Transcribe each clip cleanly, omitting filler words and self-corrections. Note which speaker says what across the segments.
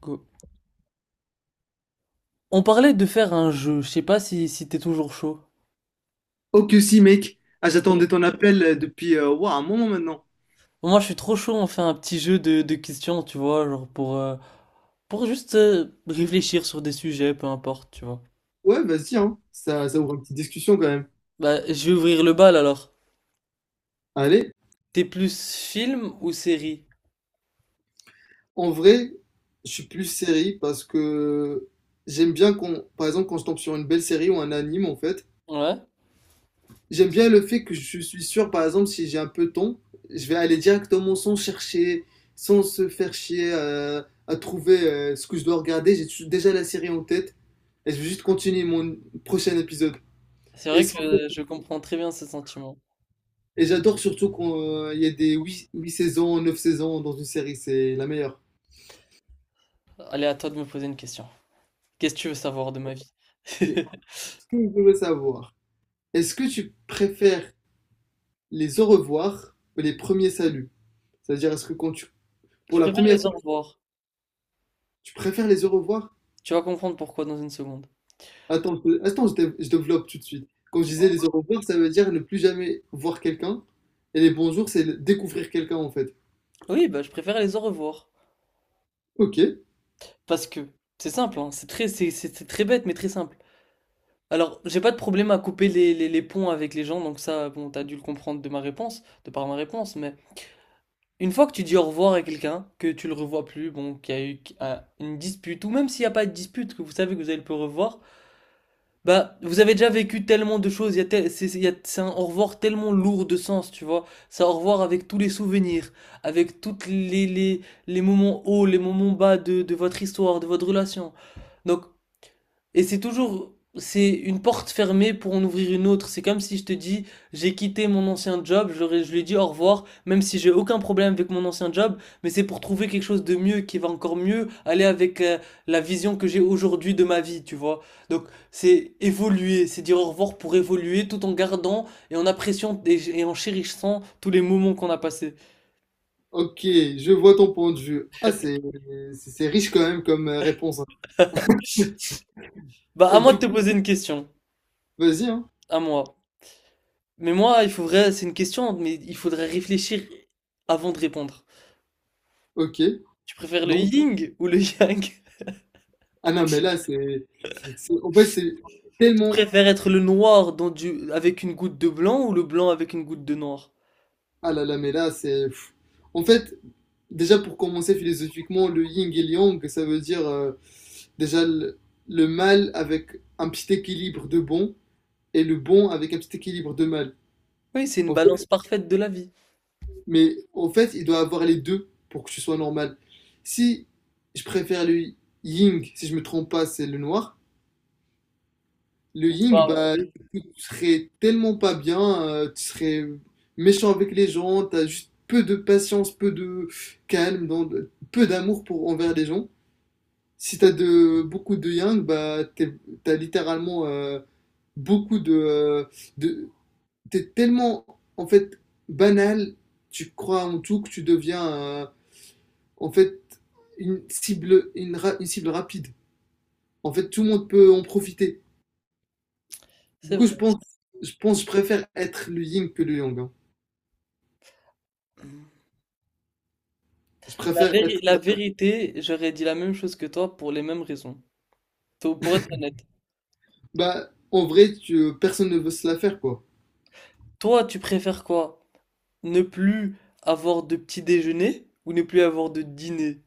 Speaker 1: Co- On parlait de faire un jeu, je sais pas si t'es toujours chaud.
Speaker 2: Oh que si, mec. Ah, j'attendais ton appel depuis ouah, un moment maintenant.
Speaker 1: Moi je suis trop chaud, on fait un petit jeu de questions, tu vois, genre pour juste réfléchir sur des sujets, peu importe, tu vois.
Speaker 2: Ouais, vas-y, hein. Ça ouvre une petite discussion quand même.
Speaker 1: Bah je vais ouvrir le bal alors.
Speaker 2: Allez,
Speaker 1: T'es plus film ou série?
Speaker 2: en vrai, je suis plus série parce que j'aime bien qu'on, par exemple, quand je tombe sur une belle série ou un anime, en fait,
Speaker 1: Ouais,
Speaker 2: j'aime bien le fait que je suis sûr, par exemple, si j'ai un peu de temps, je vais aller directement sans chercher, sans se faire chier à trouver ce que je dois regarder. J'ai déjà la série en tête et je vais juste continuer mon prochain épisode.
Speaker 1: c'est vrai
Speaker 2: Est-ce que
Speaker 1: que je comprends très bien ce sentiment.
Speaker 2: Et j'adore surtout qu'il y ait des 8 saisons, 9 saisons dans une série, c'est la meilleure.
Speaker 1: Allez, à toi de me poser une question. Qu'est-ce que tu veux savoir de ma vie?
Speaker 2: Et Ce que je voulais savoir, est-ce que tu préfères les au revoir ou les premiers saluts? C'est-à-dire, est-ce que quand tu,
Speaker 1: Je
Speaker 2: pour la
Speaker 1: préfère
Speaker 2: première
Speaker 1: les au
Speaker 2: fois,
Speaker 1: revoir.
Speaker 2: tu préfères les au revoir?
Speaker 1: Tu vas comprendre pourquoi dans une seconde.
Speaker 2: Attends, attends, je développe tout de suite. Quand je disais
Speaker 1: Dis-moi.
Speaker 2: les au revoir, ça veut dire ne plus jamais voir quelqu'un. Et les bonjours, c'est découvrir quelqu'un, en fait.
Speaker 1: Oui, bah je préfère les au revoir.
Speaker 2: Ok,
Speaker 1: Parce que c'est simple, hein, c'est très bête, mais très simple. Alors, j'ai pas de problème à couper les ponts avec les gens, donc ça, bon, t'as dû le comprendre de ma réponse, de par ma réponse, mais une fois que tu dis au revoir à quelqu'un, que tu le revois plus, bon, qu'il y a eu une dispute, ou même s'il n'y a pas de dispute, que vous savez que vous allez le revoir, bah, vous avez déjà vécu tellement de choses, il y a tel- c'est- il y a- c'est un au revoir tellement lourd de sens, tu vois. C'est un au revoir avec tous les souvenirs, avec les moments hauts, les moments bas de votre histoire, de votre relation. Donc, et c'est toujours, c'est une porte fermée pour en ouvrir une autre. C'est comme si je te dis, j'ai quitté mon ancien job, je lui ai dit au revoir, même si j'ai aucun problème avec mon ancien job, mais c'est pour trouver quelque chose de mieux qui va encore mieux aller avec la vision que j'ai aujourd'hui de ma vie, tu vois. Donc c'est évoluer, c'est dire au revoir pour évoluer tout en gardant et en appréciant et en chérissant tous les moments qu'on a passés.
Speaker 2: ok, je vois ton point de vue. Ah, c'est riche quand même comme réponse, hein.
Speaker 1: Bah à
Speaker 2: Et
Speaker 1: moi de
Speaker 2: du
Speaker 1: te
Speaker 2: coup,
Speaker 1: poser une question,
Speaker 2: vas-y, hein.
Speaker 1: à moi. Mais moi, il faudrait, c'est une question, mais il faudrait réfléchir avant de répondre.
Speaker 2: Ok.
Speaker 1: Tu préfères le
Speaker 2: Non?
Speaker 1: yin ou le yang?
Speaker 2: Ah non, mais là, c'est. En fait, c'est
Speaker 1: Tu
Speaker 2: tellement.
Speaker 1: préfères être le noir dans du... avec une goutte de blanc ou le blanc avec une goutte de noir?
Speaker 2: Ah là là, mais là, c'est. Pff. En fait, déjà pour commencer philosophiquement, le yin et le yang, ça veut dire déjà le mal avec un petit équilibre de bon et le bon avec un petit équilibre de mal.
Speaker 1: Oui, c'est une
Speaker 2: En
Speaker 1: balance
Speaker 2: fait,
Speaker 1: parfaite de la vie.
Speaker 2: mais en fait, il doit avoir les deux pour que ce soit normal. Si je préfère le yin, si je me trompe pas, c'est le noir. Le Ying,
Speaker 1: Bah,
Speaker 2: bah,
Speaker 1: oui,
Speaker 2: tu serais tellement pas bien, tu serais méchant avec les gens, t'as juste peu de patience, peu de calme, donc peu d'amour pour envers les gens. Si t'as de beaucoup de Yang, bah, t'as littéralement beaucoup de, t'es tellement en fait banal, tu crois en tout que tu deviens en fait une cible, une cible rapide. En fait, tout le monde peut en profiter. Du
Speaker 1: c'est
Speaker 2: coup, je
Speaker 1: vrai.
Speaker 2: pense, je pense, je préfère être le yin que le yang, hein. Je préfère être.
Speaker 1: La vérité, j'aurais dit la même chose que toi pour les mêmes raisons. Pour être honnête.
Speaker 2: Bah, en vrai, personne ne veut se la faire, quoi.
Speaker 1: Toi, tu préfères quoi? Ne plus avoir de petit déjeuner ou ne plus avoir de dîner?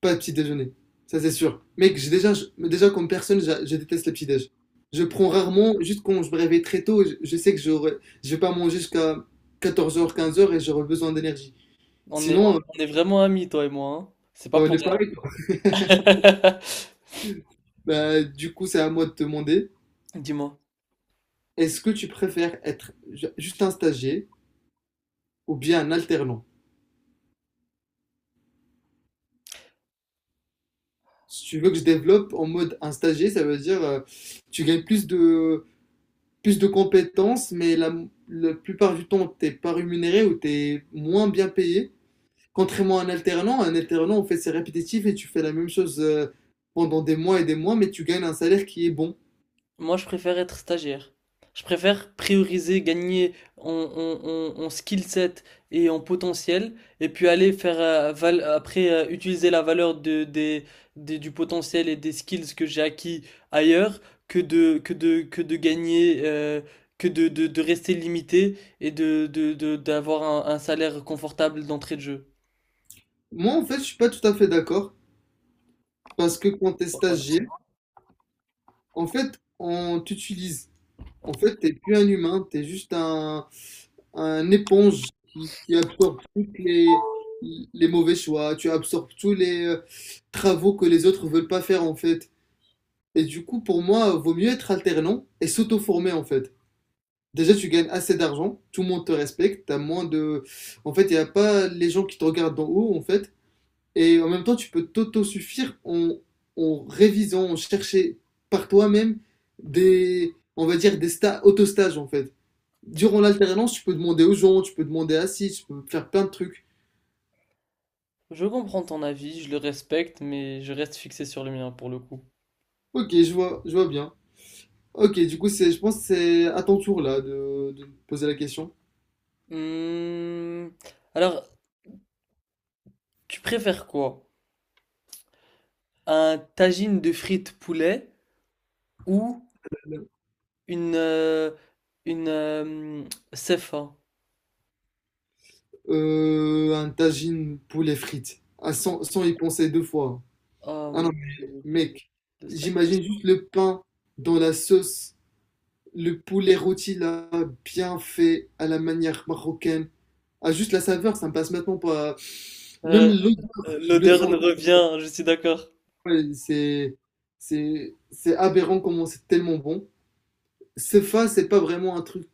Speaker 2: Pas le petit déjeuner. Ça, c'est sûr. Mec, j'ai déjà, déjà, comme personne, je déteste le petit déj. Je prends rarement, juste quand je me réveille très tôt, je sais que je vais pas manger jusqu'à 14 heures, 15 heures, et j'aurai besoin d'énergie. Sinon,
Speaker 1: On est vraiment amis, toi et moi, hein. C'est pas
Speaker 2: bah, on
Speaker 1: pour
Speaker 2: est
Speaker 1: rien.
Speaker 2: pareil, quoi. Bah, du coup, c'est à moi de te demander,
Speaker 1: Dis-moi.
Speaker 2: est-ce que tu préfères être juste un stagiaire ou bien un alternant? Si tu veux que je développe en mode un stagiaire, ça veut dire tu gagnes plus de compétences, mais la plupart du temps, t'es pas rémunéré ou t'es moins bien payé. Contrairement à un alternant, on fait ses répétitifs et tu fais la même chose pendant des mois et des mois, mais tu gagnes un salaire qui est bon.
Speaker 1: Moi, je préfère être stagiaire. Je préfère prioriser, gagner en, en- en- en skill set et en potentiel, et puis aller faire val- après utiliser la valeur du potentiel et des skills que j'ai acquis ailleurs, que de gagner, de rester limité et d'avoir un salaire confortable d'entrée de jeu.
Speaker 2: Moi, en fait, je suis pas tout à fait d'accord parce que quand t'es
Speaker 1: Ça, voilà.
Speaker 2: stagiaire, en fait, on t'utilise. En fait, t'es plus un humain, t'es juste un éponge qui absorbe toutes les mauvais choix, tu absorbes tous les travaux que les autres veulent pas faire en fait. Et du coup, pour moi, vaut mieux être alternant et s'auto-former en fait. Déjà, tu gagnes assez d'argent, tout le monde te respecte, t'as moins de... En fait, il n'y a pas les gens qui te regardent d'en haut en fait. Et en même temps, tu peux t'auto-suffire en révisant, en chercher par toi-même des, on va dire, des auto-stages en fait durant l'alternance, tu peux demander aux gens, tu peux demander assis, tu peux faire plein de trucs.
Speaker 1: Je comprends ton avis, je le respecte, mais je reste fixé sur le mien pour le coup.
Speaker 2: Ok, je vois bien. Ok, du coup, je pense que c'est à ton tour là de poser la question.
Speaker 1: Hmm. Alors, tu préfères quoi? Un tagine de frites poulet ou une euh, une CFA?
Speaker 2: Un tagine poulet frites. Ah, sans y penser deux fois.
Speaker 1: Oh
Speaker 2: Ah non,
Speaker 1: mon
Speaker 2: mais,
Speaker 1: Dieu,
Speaker 2: mec,
Speaker 1: le sac.
Speaker 2: j'imagine juste le pain dans la sauce, le poulet rôti là, bien fait, à la manière marocaine. Ah, juste la saveur, ça me passe maintenant pas. Même
Speaker 1: Euh,
Speaker 2: l'odeur, je le
Speaker 1: L'odeur
Speaker 2: sens.
Speaker 1: nous revient, je suis d'accord.
Speaker 2: Ouais, c'est aberrant comment c'est tellement bon. CEFA, c'est pas vraiment un truc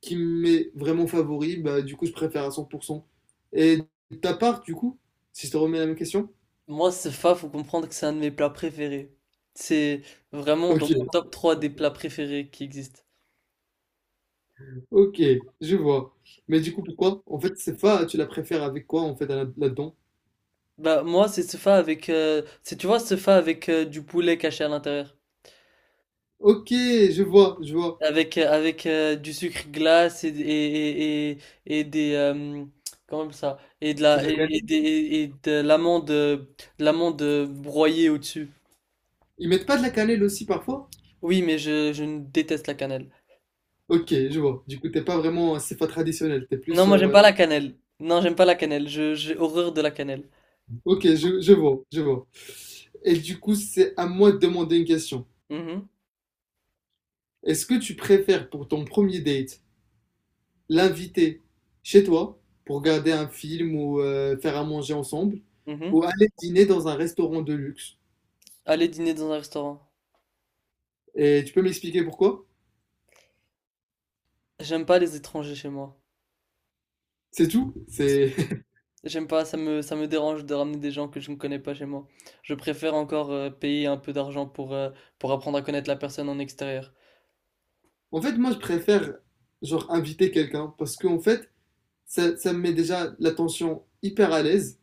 Speaker 2: qui m'est vraiment favori. Bah, du coup, je préfère à 100%. Et ta part, du coup, si je te remets la même question?
Speaker 1: Moi, CFA, faut comprendre que c'est un de mes plats préférés. C'est vraiment dans mon
Speaker 2: Ok,
Speaker 1: top 3 des plats préférés qui existent.
Speaker 2: ok, je vois. Mais du coup, pourquoi? En fait, CEFA, tu la préfères avec quoi, en fait, là-dedans?
Speaker 1: Bah moi, c'est CFA avec c'est tu vois CFA avec du poulet caché à l'intérieur.
Speaker 2: Ok, je vois, je vois.
Speaker 1: Avec, avec du sucre glace et des comment on appelle ça? Et de
Speaker 2: C'est
Speaker 1: la
Speaker 2: de la cannelle?
Speaker 1: et de l'amande broyée au-dessus.
Speaker 2: Ils mettent pas de la cannelle aussi, parfois?
Speaker 1: Oui, mais je ne déteste la cannelle.
Speaker 2: Ok, je vois. Du coup, t'es pas vraiment un CEFA traditionnel. T'es
Speaker 1: Non,
Speaker 2: plus...
Speaker 1: moi j'aime
Speaker 2: euh,
Speaker 1: pas la cannelle. Non, j'aime pas la cannelle. J'ai horreur de la cannelle.
Speaker 2: Ok, je vois, je vois. Et du coup, c'est à moi de demander une question.
Speaker 1: Mhm,
Speaker 2: Est-ce que tu préfères pour ton premier date l'inviter chez toi pour regarder un film ou faire à manger ensemble
Speaker 1: mhm.
Speaker 2: ou aller dîner dans un restaurant de luxe?
Speaker 1: Aller dîner dans un restaurant.
Speaker 2: Et tu peux m'expliquer pourquoi?
Speaker 1: J'aime pas les étrangers chez moi.
Speaker 2: C'est tout? C'est...
Speaker 1: J'aime pas, ça me dérange de ramener des gens que je ne connais pas chez moi. Je préfère encore payer un peu d'argent pour apprendre à connaître la personne en extérieur.
Speaker 2: En fait, moi, je préfère genre inviter quelqu'un parce qu'en fait, ça me met déjà l'attention hyper à l'aise.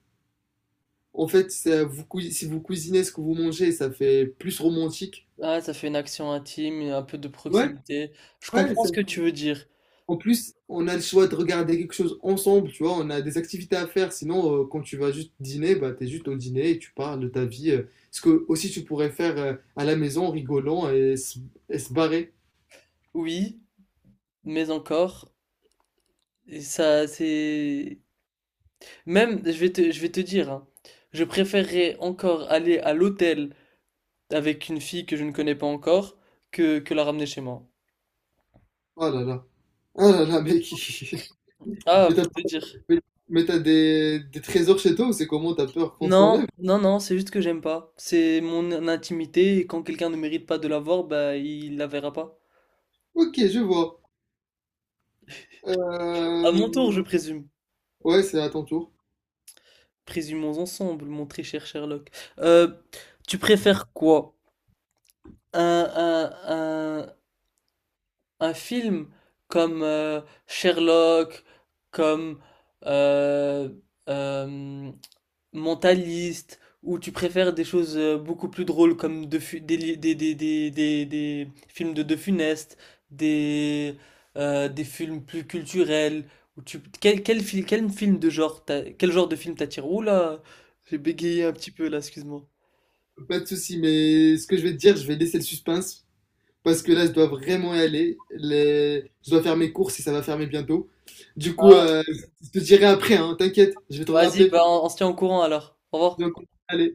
Speaker 2: En fait, si vous cuisinez ce que vous mangez, ça fait plus romantique.
Speaker 1: Ah, ça fait une action intime et un peu de
Speaker 2: Ouais,
Speaker 1: proximité. Je
Speaker 2: ouais.
Speaker 1: comprends ce que tu veux dire.
Speaker 2: En plus, on a le choix de regarder quelque chose ensemble, tu vois, on a des activités à faire. Sinon, quand tu vas juste dîner, bah, t'es juste au dîner et tu parles de ta vie, ce que aussi tu pourrais faire à la maison en rigolant et se barrer.
Speaker 1: Oui, mais encore, et ça, c'est... Même, je vais te dire, hein, je préférerais encore aller à l'hôtel avec une fille que je ne connais pas encore que la ramener chez moi.
Speaker 2: Oh là là. Oh là là, mec.
Speaker 1: Ah,
Speaker 2: Mais t'as,
Speaker 1: pour te dire.
Speaker 2: mais- mais t'as des trésors chez toi ou c'est comment t'as peur qu'on te
Speaker 1: Non,
Speaker 2: l'enlève?
Speaker 1: non, non, c'est juste que j'aime pas. C'est mon intimité et quand quelqu'un ne mérite pas de l'avoir, bah, il la verra pas.
Speaker 2: Ok, je vois.
Speaker 1: À
Speaker 2: Euh,
Speaker 1: mon tour, je présume.
Speaker 2: Ouais, c'est à ton tour.
Speaker 1: Présumons ensemble, mon très cher Sherlock. Euh, tu préfères quoi? un, un, un- un film comme Sherlock, comme euh, euh, Mentalist, ou tu préfères des choses beaucoup plus drôles comme De Fu- des, li- des films de De Funeste, des, des films plus culturels, ou tu, quel, quel, fil- quel film de genre t'a- quel genre de film t'attire? Oula, j'ai bégayé un petit peu là, excuse-moi.
Speaker 2: Pas de souci, mais ce que je vais te dire, je vais laisser le suspense. Parce que là, je dois vraiment y aller. Je dois faire mes courses et ça va fermer bientôt. Du coup,
Speaker 1: Ah,
Speaker 2: je te dirai après, hein, t'inquiète, je vais te
Speaker 1: vas-y,
Speaker 2: rappeler.
Speaker 1: bah, on se tient au courant alors. Au revoir.
Speaker 2: Donc, allez.